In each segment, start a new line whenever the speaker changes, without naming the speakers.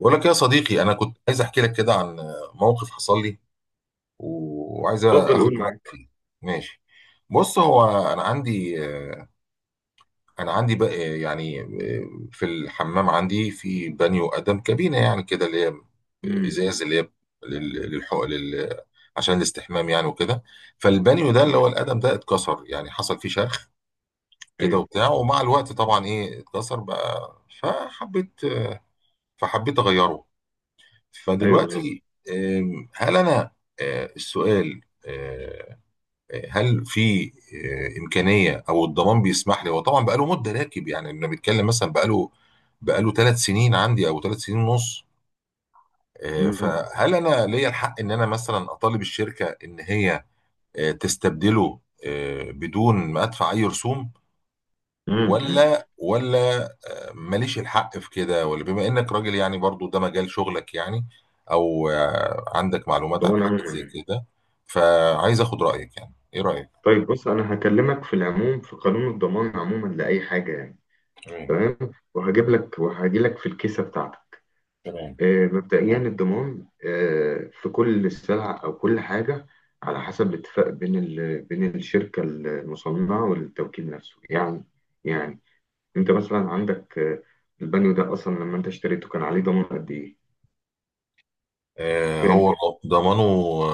بقول لك يا صديقي، انا كنت عايز احكي لك كده عن موقف حصل لي و- وعايز
اتفضل
اخد
قول
رايك
معاك.
فيه. ماشي. بص، هو انا عندي انا عندي بقى يعني في الحمام عندي في بانيو قدم كابينه يعني كده، اللي هي
امم.
ازاز، اللي هي لل- للحق عشان الاستحمام يعني وكده. فالبانيو ده اللي هو
تمام.
القدم ده اتكسر، يعني حصل فيه شرخ كده
ايوه،
وبتاع، ومع الوقت طبعا اتكسر بقى. فحبيت فحبيت اغيره.
ايوه، بالظبط.
فدلوقتي هل انا السؤال، هل في امكانيه او الضمان بيسمح لي؟ هو طبعا بقاله مده راكب، يعني انا بتكلم مثلا بقاله 3 سنين عندي او 3 سنين ونص.
امم.
فهل انا ليا الحق ان انا مثلا اطالب الشركه ان هي تستبدله بدون ما ادفع اي رسوم؟
امم.
ولا ماليش الحق في كده؟ ولا بما انك راجل يعني برضو ده مجال شغلك يعني، او عندك معلومات عن
الضمان
حاجات زي
عموما.
كده. فعايز اخد رأيك، يعني ايه رأيك؟
طيب، بص، انا هكلمك في العموم في قانون الضمان عموما لاي حاجه يعني.
تمام.
تمام. وهجيب لك وهجي لك في الكيسه بتاعتك.
تمام.
مبدئيا
آه.
الضمان، في كل سلعه او كل حاجه، على حسب اتفاق بين الشركه المصنعه والتوكيل نفسه يعني. يعني انت مثلا عندك، البانيو ده اصلا لما انت اشتريته كان عليه ضمان قد ايه؟
آه،
كام؟
هو ضمانه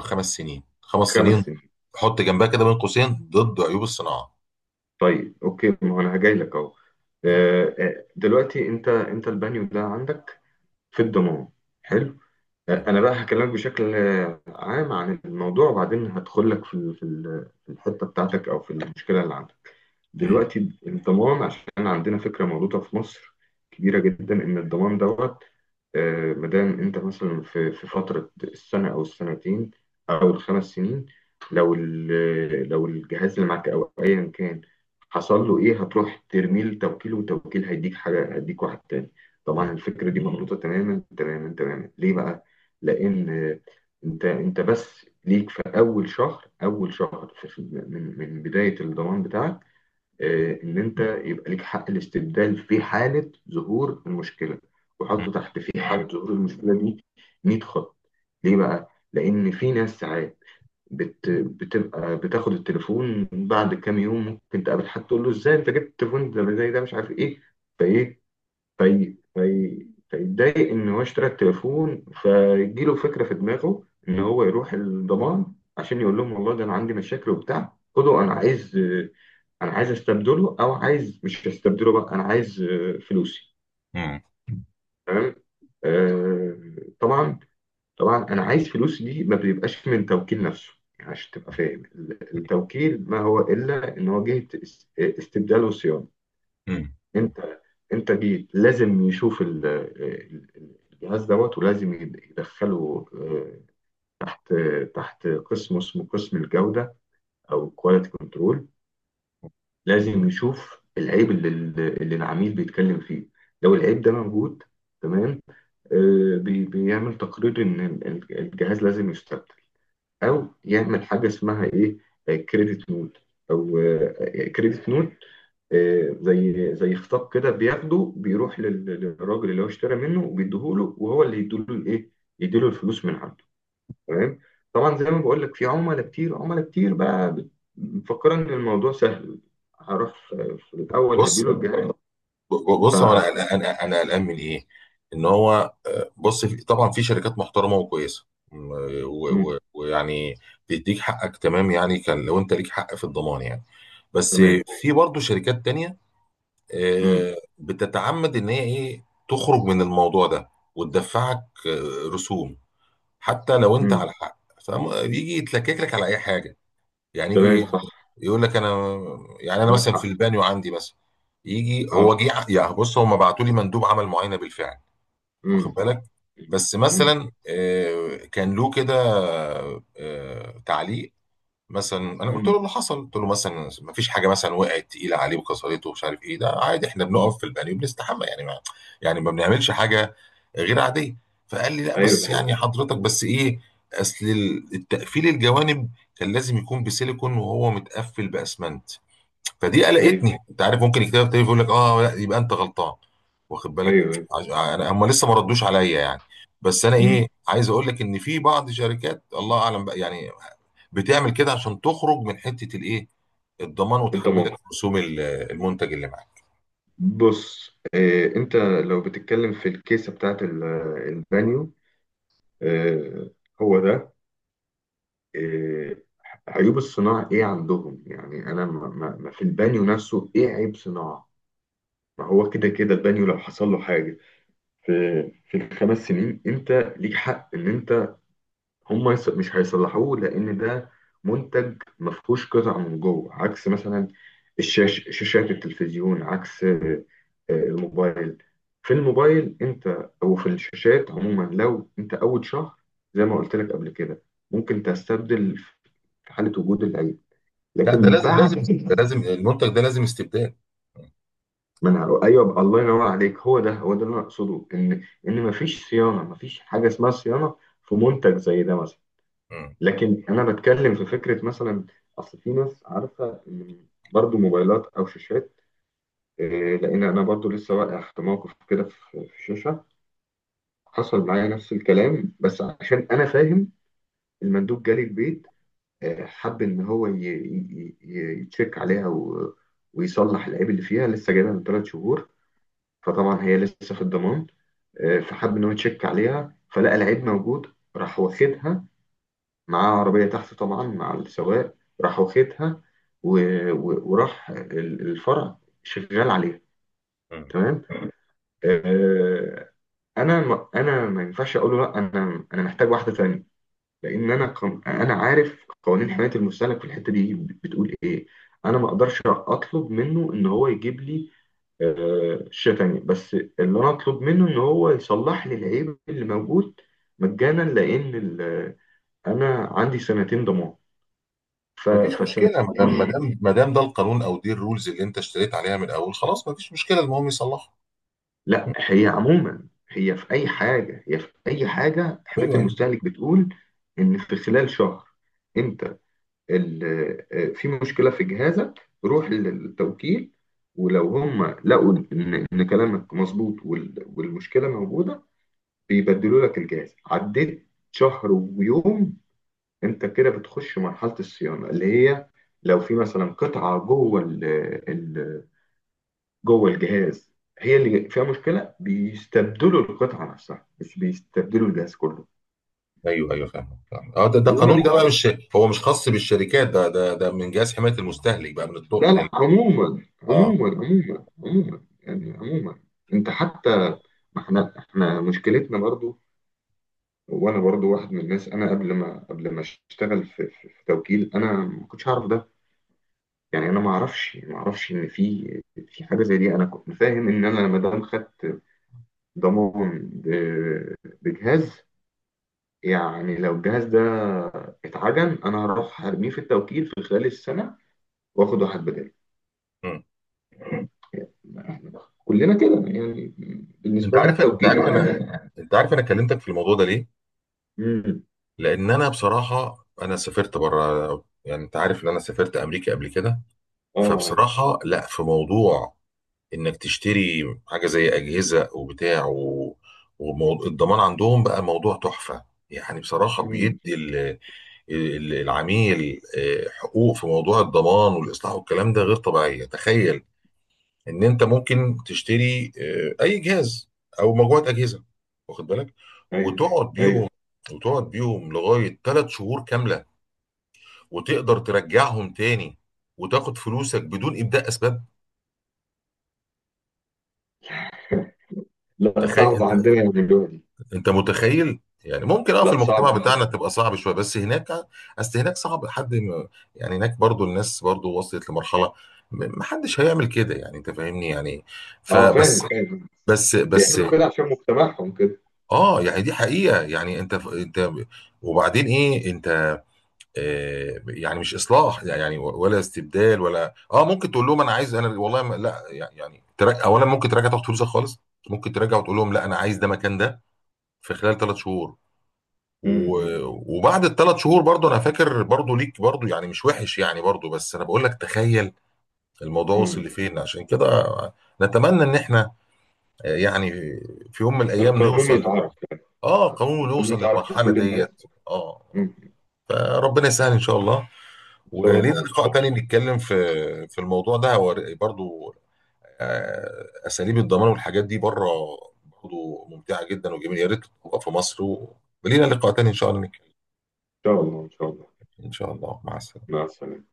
5 سنين، خمس
خمس
سنين
سنين.
حط جنبها كده بين قوسين ضد عيوب الصناعة.
طيب، اوكي، ما هو انا هجاي لك اهو. دلوقتي انت البانيو ده عندك في الضمان. حلو.
تمام.
انا بقى هكلمك بشكل عام عن الموضوع، وبعدين هدخل لك في الحته بتاعتك، او في المشكله اللي عندك
تمام.
دلوقتي. الضمان، عشان عندنا فكرة مغلوطة في مصر كبيرة جدا، إن الضمان دوت، مادام أنت مثلا في فترة السنة أو السنتين أو ال5 سنين، لو لو الجهاز اللي معاك أو أيا كان حصل له إيه، هتروح ترميه لتوكيل، وتوكيل هيديك حاجة، هيديك واحد تاني.
مم.
طبعا الفكرة دي مغلوطة تماما تماما تماما. ليه بقى؟ لأن، أنت بس ليك في أول شهر، أول شهر، من بداية الضمان بتاعك، ان انت يبقى ليك حق الاستبدال في حاله ظهور المشكله. وحطوا تحت في حاله ظهور المشكله دي 100 خط. ليه بقى؟ لان في ناس ساعات، بتبقى بتاخد التليفون بعد كام يوم، ممكن تقابل حد تقول له ازاي انت جبت التليفون ده زي ده، مش عارف ايه، فايه، في في فيتضايق ان هو اشترى التليفون، فيجيله فكره في دماغه ان هو يروح الضمان عشان يقول لهم والله ده انا عندي مشاكل وبتاع، خدوا، انا عايز، انا عايز استبدله، او عايز، مش هستبدله بقى، انا عايز فلوسي.
مم.
تمام. آه، طبعا، طبعا انا عايز فلوسي دي ما بيبقاش من توكيل نفسه. يعني عشان تبقى فاهم، التوكيل ما هو الا ان هو جهه استبدال وصيانه.
مم. مم.
انت، انت جيت لازم يشوف الجهاز دوت، ولازم يدخله تحت، تحت قسم اسمه قسم الجودة، او كواليتي كنترول. لازم يشوف العيب اللي العميل بيتكلم فيه. لو العيب ده موجود، تمام، بيعمل تقرير ان الجهاز لازم يستبدل، او يعمل حاجة اسمها ايه، كريدت نوت، او كريدت نوت. زي خطاب كده، بياخده بيروح للراجل اللي هو اشترى منه، وبيديهوله، وهو اللي يديله الايه، يديله الفلوس من عنده. تمام. طبعا، زي ما بقول لك، في عملاء كتير، عملاء كتير بقى مفكره ان الموضوع سهل، هروح في الاول
بص،
اديله الجهاز. ف
بص هو انا قلقان من ايه؟ ان هو، بص، طبعا في شركات محترمه وكويسه، م- و-
مم.
و- ويعني بيديك حقك، تمام يعني، كان لو انت ليك حق في الضمان يعني. بس
تمام.
في برضه شركات تانية
مم.
بتتعمد ان هي ايه تخرج من الموضوع ده وتدفعك رسوم حتى لو انت
مم.
على حق. فبيجي يتلكك لك على اي حاجه، يعني
تمام،
يجي
صح.
يقول لك: انا يعني انا
عندك
مثلا في
حق.
البانيو عندي مثلا، يجي هو
اه.
جه. يعني بص، هم بعتوا لي مندوب عمل معاينه بالفعل، واخد
مم.
بالك، بس
مم.
مثلا كان له كده تعليق. مثلا انا قلت
مم.
له اللي حصل، قلت له مثلا ما فيش حاجه مثلا وقعت تقيله عليه وكسرته ومش عارف ايه، ده عادي احنا
مم.
بنقف في البانيو بنستحمى، يعني ما يعني ما بنعملش حاجه غير عاديه. فقال لي: لا،
ايوه
بس
بالظبط.
يعني حضرتك بس ايه، اصل التقفيل الجوانب كان لازم يكون بسيليكون وهو متقفل باسمنت. فدي
ايوه،
قلقتني. انت عارف، ممكن الكتاب التاني يقول لك: اه لا يبقى انت غلطان. واخد
ايوه.
بالك؟
ايوه.
انا هم لسه ما ردوش عليا يعني. بس انا ايه
مم.
عايز اقول لك ان في بعض شركات الله اعلم بقى يعني بتعمل كده عشان تخرج من حته الايه، الضمان،
انت،
وتحملك رسوم المنتج اللي معاك.
بص، انت لو بتتكلم في الكيسه بتاعت البانيو، آه، هو ده، آه، عيوب الصناعه ايه عندهم يعني، انا ما في البانيو نفسه ايه عيب صناعه؟ ما هو كده كده البانيو لو حصل له حاجه في في ال5 سنين، انت ليك حق ان انت، هم مش هيصلحوه لان ده منتج ما فيهوش قطع من جوه، عكس مثلا شاشات التلفزيون، عكس الموبايل. في الموبايل انت، او في الشاشات عموما، لو انت اول شهر، زي ما قلت لك قبل كده، ممكن تستبدل في حاله وجود العيب.
لا، ده
لكن
لازم، لازم،
بعد
ده لازم، المنتج ده لازم استبدال.
ما، انا ايوه بقى، الله ينور عليك، هو ده، هو ده اللي انا اقصده، ان مفيش صيانه، مفيش حاجه اسمها صيانه في منتج زي ده مثلا.
مم.
لكن انا بتكلم في فكره مثلا، اصل في ناس عارفه إن برضو موبايلات او شاشات، إيه، لان انا برضو لسه واقع في موقف كده، في شاشه، حصل معايا نفس الكلام، بس عشان انا فاهم، المندوب جالي البيت، حب ان هو يتشيك عليها، ويصلح العيب اللي فيها، لسه جايبها من 3 شهور، فطبعا هي لسه في الضمان. فحب ان هو يتشيك عليها، فلقى العيب موجود، راح واخدها معاه عربية تحت طبعا مع السواق، راح واخدها، و... وراح الفرع شغال عليها.
مم.
تمام. آه. انا ما ينفعش اقول له لا، انا محتاج واحدة تانية، لان انا عارف قوانين حماية المستهلك في الحتة دي بتقول ايه. انا ما اقدرش اطلب منه ان هو يجيب لي شاشة تانية، بس اللي انا اطلب منه ان هو يصلح لي العيب اللي موجود مجانا، لان ال... انا عندي سنتين ضمان.
مفيش
فسنة.
مشكله، ما دام ما دام ده القانون او دي الرولز اللي انت اشتريت عليها من الاول، خلاص مفيش مشكله، المهم يصلحها.
لا،
مم.
هي عموما، هي في أي حاجة حماية
ايوه.
المستهلك بتقول إن في خلال شهر، أنت، في مشكلة في جهازك، روح للتوكيل. ولو هم لقوا إن كلامك مظبوط، والمشكلة موجودة، بيبدلوا لك الجهاز. عديت شهر ويوم، أنت كده بتخش مرحلة الصيانة، اللي هي لو في مثلا قطعة جوه، جوه الجهاز، هي اللي فيها مشكله، بيستبدلوا القطعه نفسها مش بيستبدلوا الجهاز كله.
ايوه فاهم، فاهم. اه، ده ده
هما
قانون، ده بقى
بي...
مش هو مش خاص بالشركات، ده ده من جهاز حمايه المستهلك بقى، من الطوق،
لا،
من ال...
لا، عموما،
اه.
عموما، عموما، عموما، يعني عموما انت حتى، ما احنا، مشكلتنا برضو. وانا برضو واحد من الناس، انا قبل ما اشتغل في توكيل، انا ما كنتش اعرف ده. يعني انا ما اعرفش ان في حاجه زي دي. انا كنت فاهم ان انا ما دام خدت ضمان بجهاز، يعني لو الجهاز ده اتعجن انا هروح ارميه في التوكيل في خلال السنه، واخد واحد بداله.
مم.
احنا كلنا كده يعني،
انت
بالنسبه لنا
عارف انت
التوكيل
عارف انا انت عارف انا كلمتك في الموضوع ده ليه؟
امم.
لان انا بصراحه انا سافرت بره، يعني انت عارف ان انا سافرت امريكا قبل كده.
اه، عارف.
فبصراحه، لا، في موضوع انك تشتري حاجه زي اجهزه وبتاع و... والضمان عندهم بقى موضوع تحفه. يعني بصراحه بيدي
امم.
ال... العميل حقوق في موضوع الضمان والاصلاح والكلام ده غير طبيعيه. تخيل ان انت ممكن تشتري اي جهاز او مجموعه اجهزه، واخد بالك،
ايوه،
وتقعد
ايوه.
بيهم وتقعد بيهم لغايه 3 شهور كامله، وتقدر ترجعهم تاني وتاخد فلوسك بدون ابداء اسباب.
لا، صعب
تخيل.
عندنا يعملوها دي.
انت متخيل يعني؟ ممكن اه في
لا، صعب
المجتمع
عندنا
بتاعنا
يعملوها.
تبقى صعب شويه، بس هناك اصل هناك صعب حد يعني هناك برضو الناس برضو وصلت لمرحله محدش هيعمل كده، يعني انت فاهمني يعني.
اه، فاهم،
فبس،
فاهم.
بس
بيعملوا كده عشان مجتمعهم كده.
اه يعني دي حقيقه، يعني انت، انت وبعدين ايه، انت آه يعني مش اصلاح يعني ولا استبدال ولا اه، ممكن تقول لهم انا عايز، انا والله ما لا يعني، تراجع اولا، ممكن تراجع تاخد فلوسك خالص، ممكن تراجع وتقول لهم لا انا عايز ده مكان ده، في خلال 3 شهور. و-
امم.
وبعد الـ3 شهور برضو انا فاكر برضو ليك برضو يعني مش وحش يعني برضو، بس انا بقول لك تخيل الموضوع وصل
امم.
لفين، عشان كده نتمنى ان احنا يعني في يوم من الايام
القانون
نوصل.
يتعرف يعني.
اه قانون،
القانون
نوصل
يتعرف
للمرحلة
لكل الناس.
ديت. اه. آه.
امم.
فربنا يسهل ان شاء الله.
ان شاء
ولينا
الله، ان
لقاء
شاء الله،
تاني
ان
نتكلم في في الموضوع ده، هو برضو اساليب الضمان والحاجات دي بره برضو ممتعة جدا وجميلة، يا ريت تبقى في مصر. ولينا لقاء تاني ان شاء الله نتكلم.
شاء الله، ان شاء الله.
ان شاء الله، مع السلامة.
مع السلامه.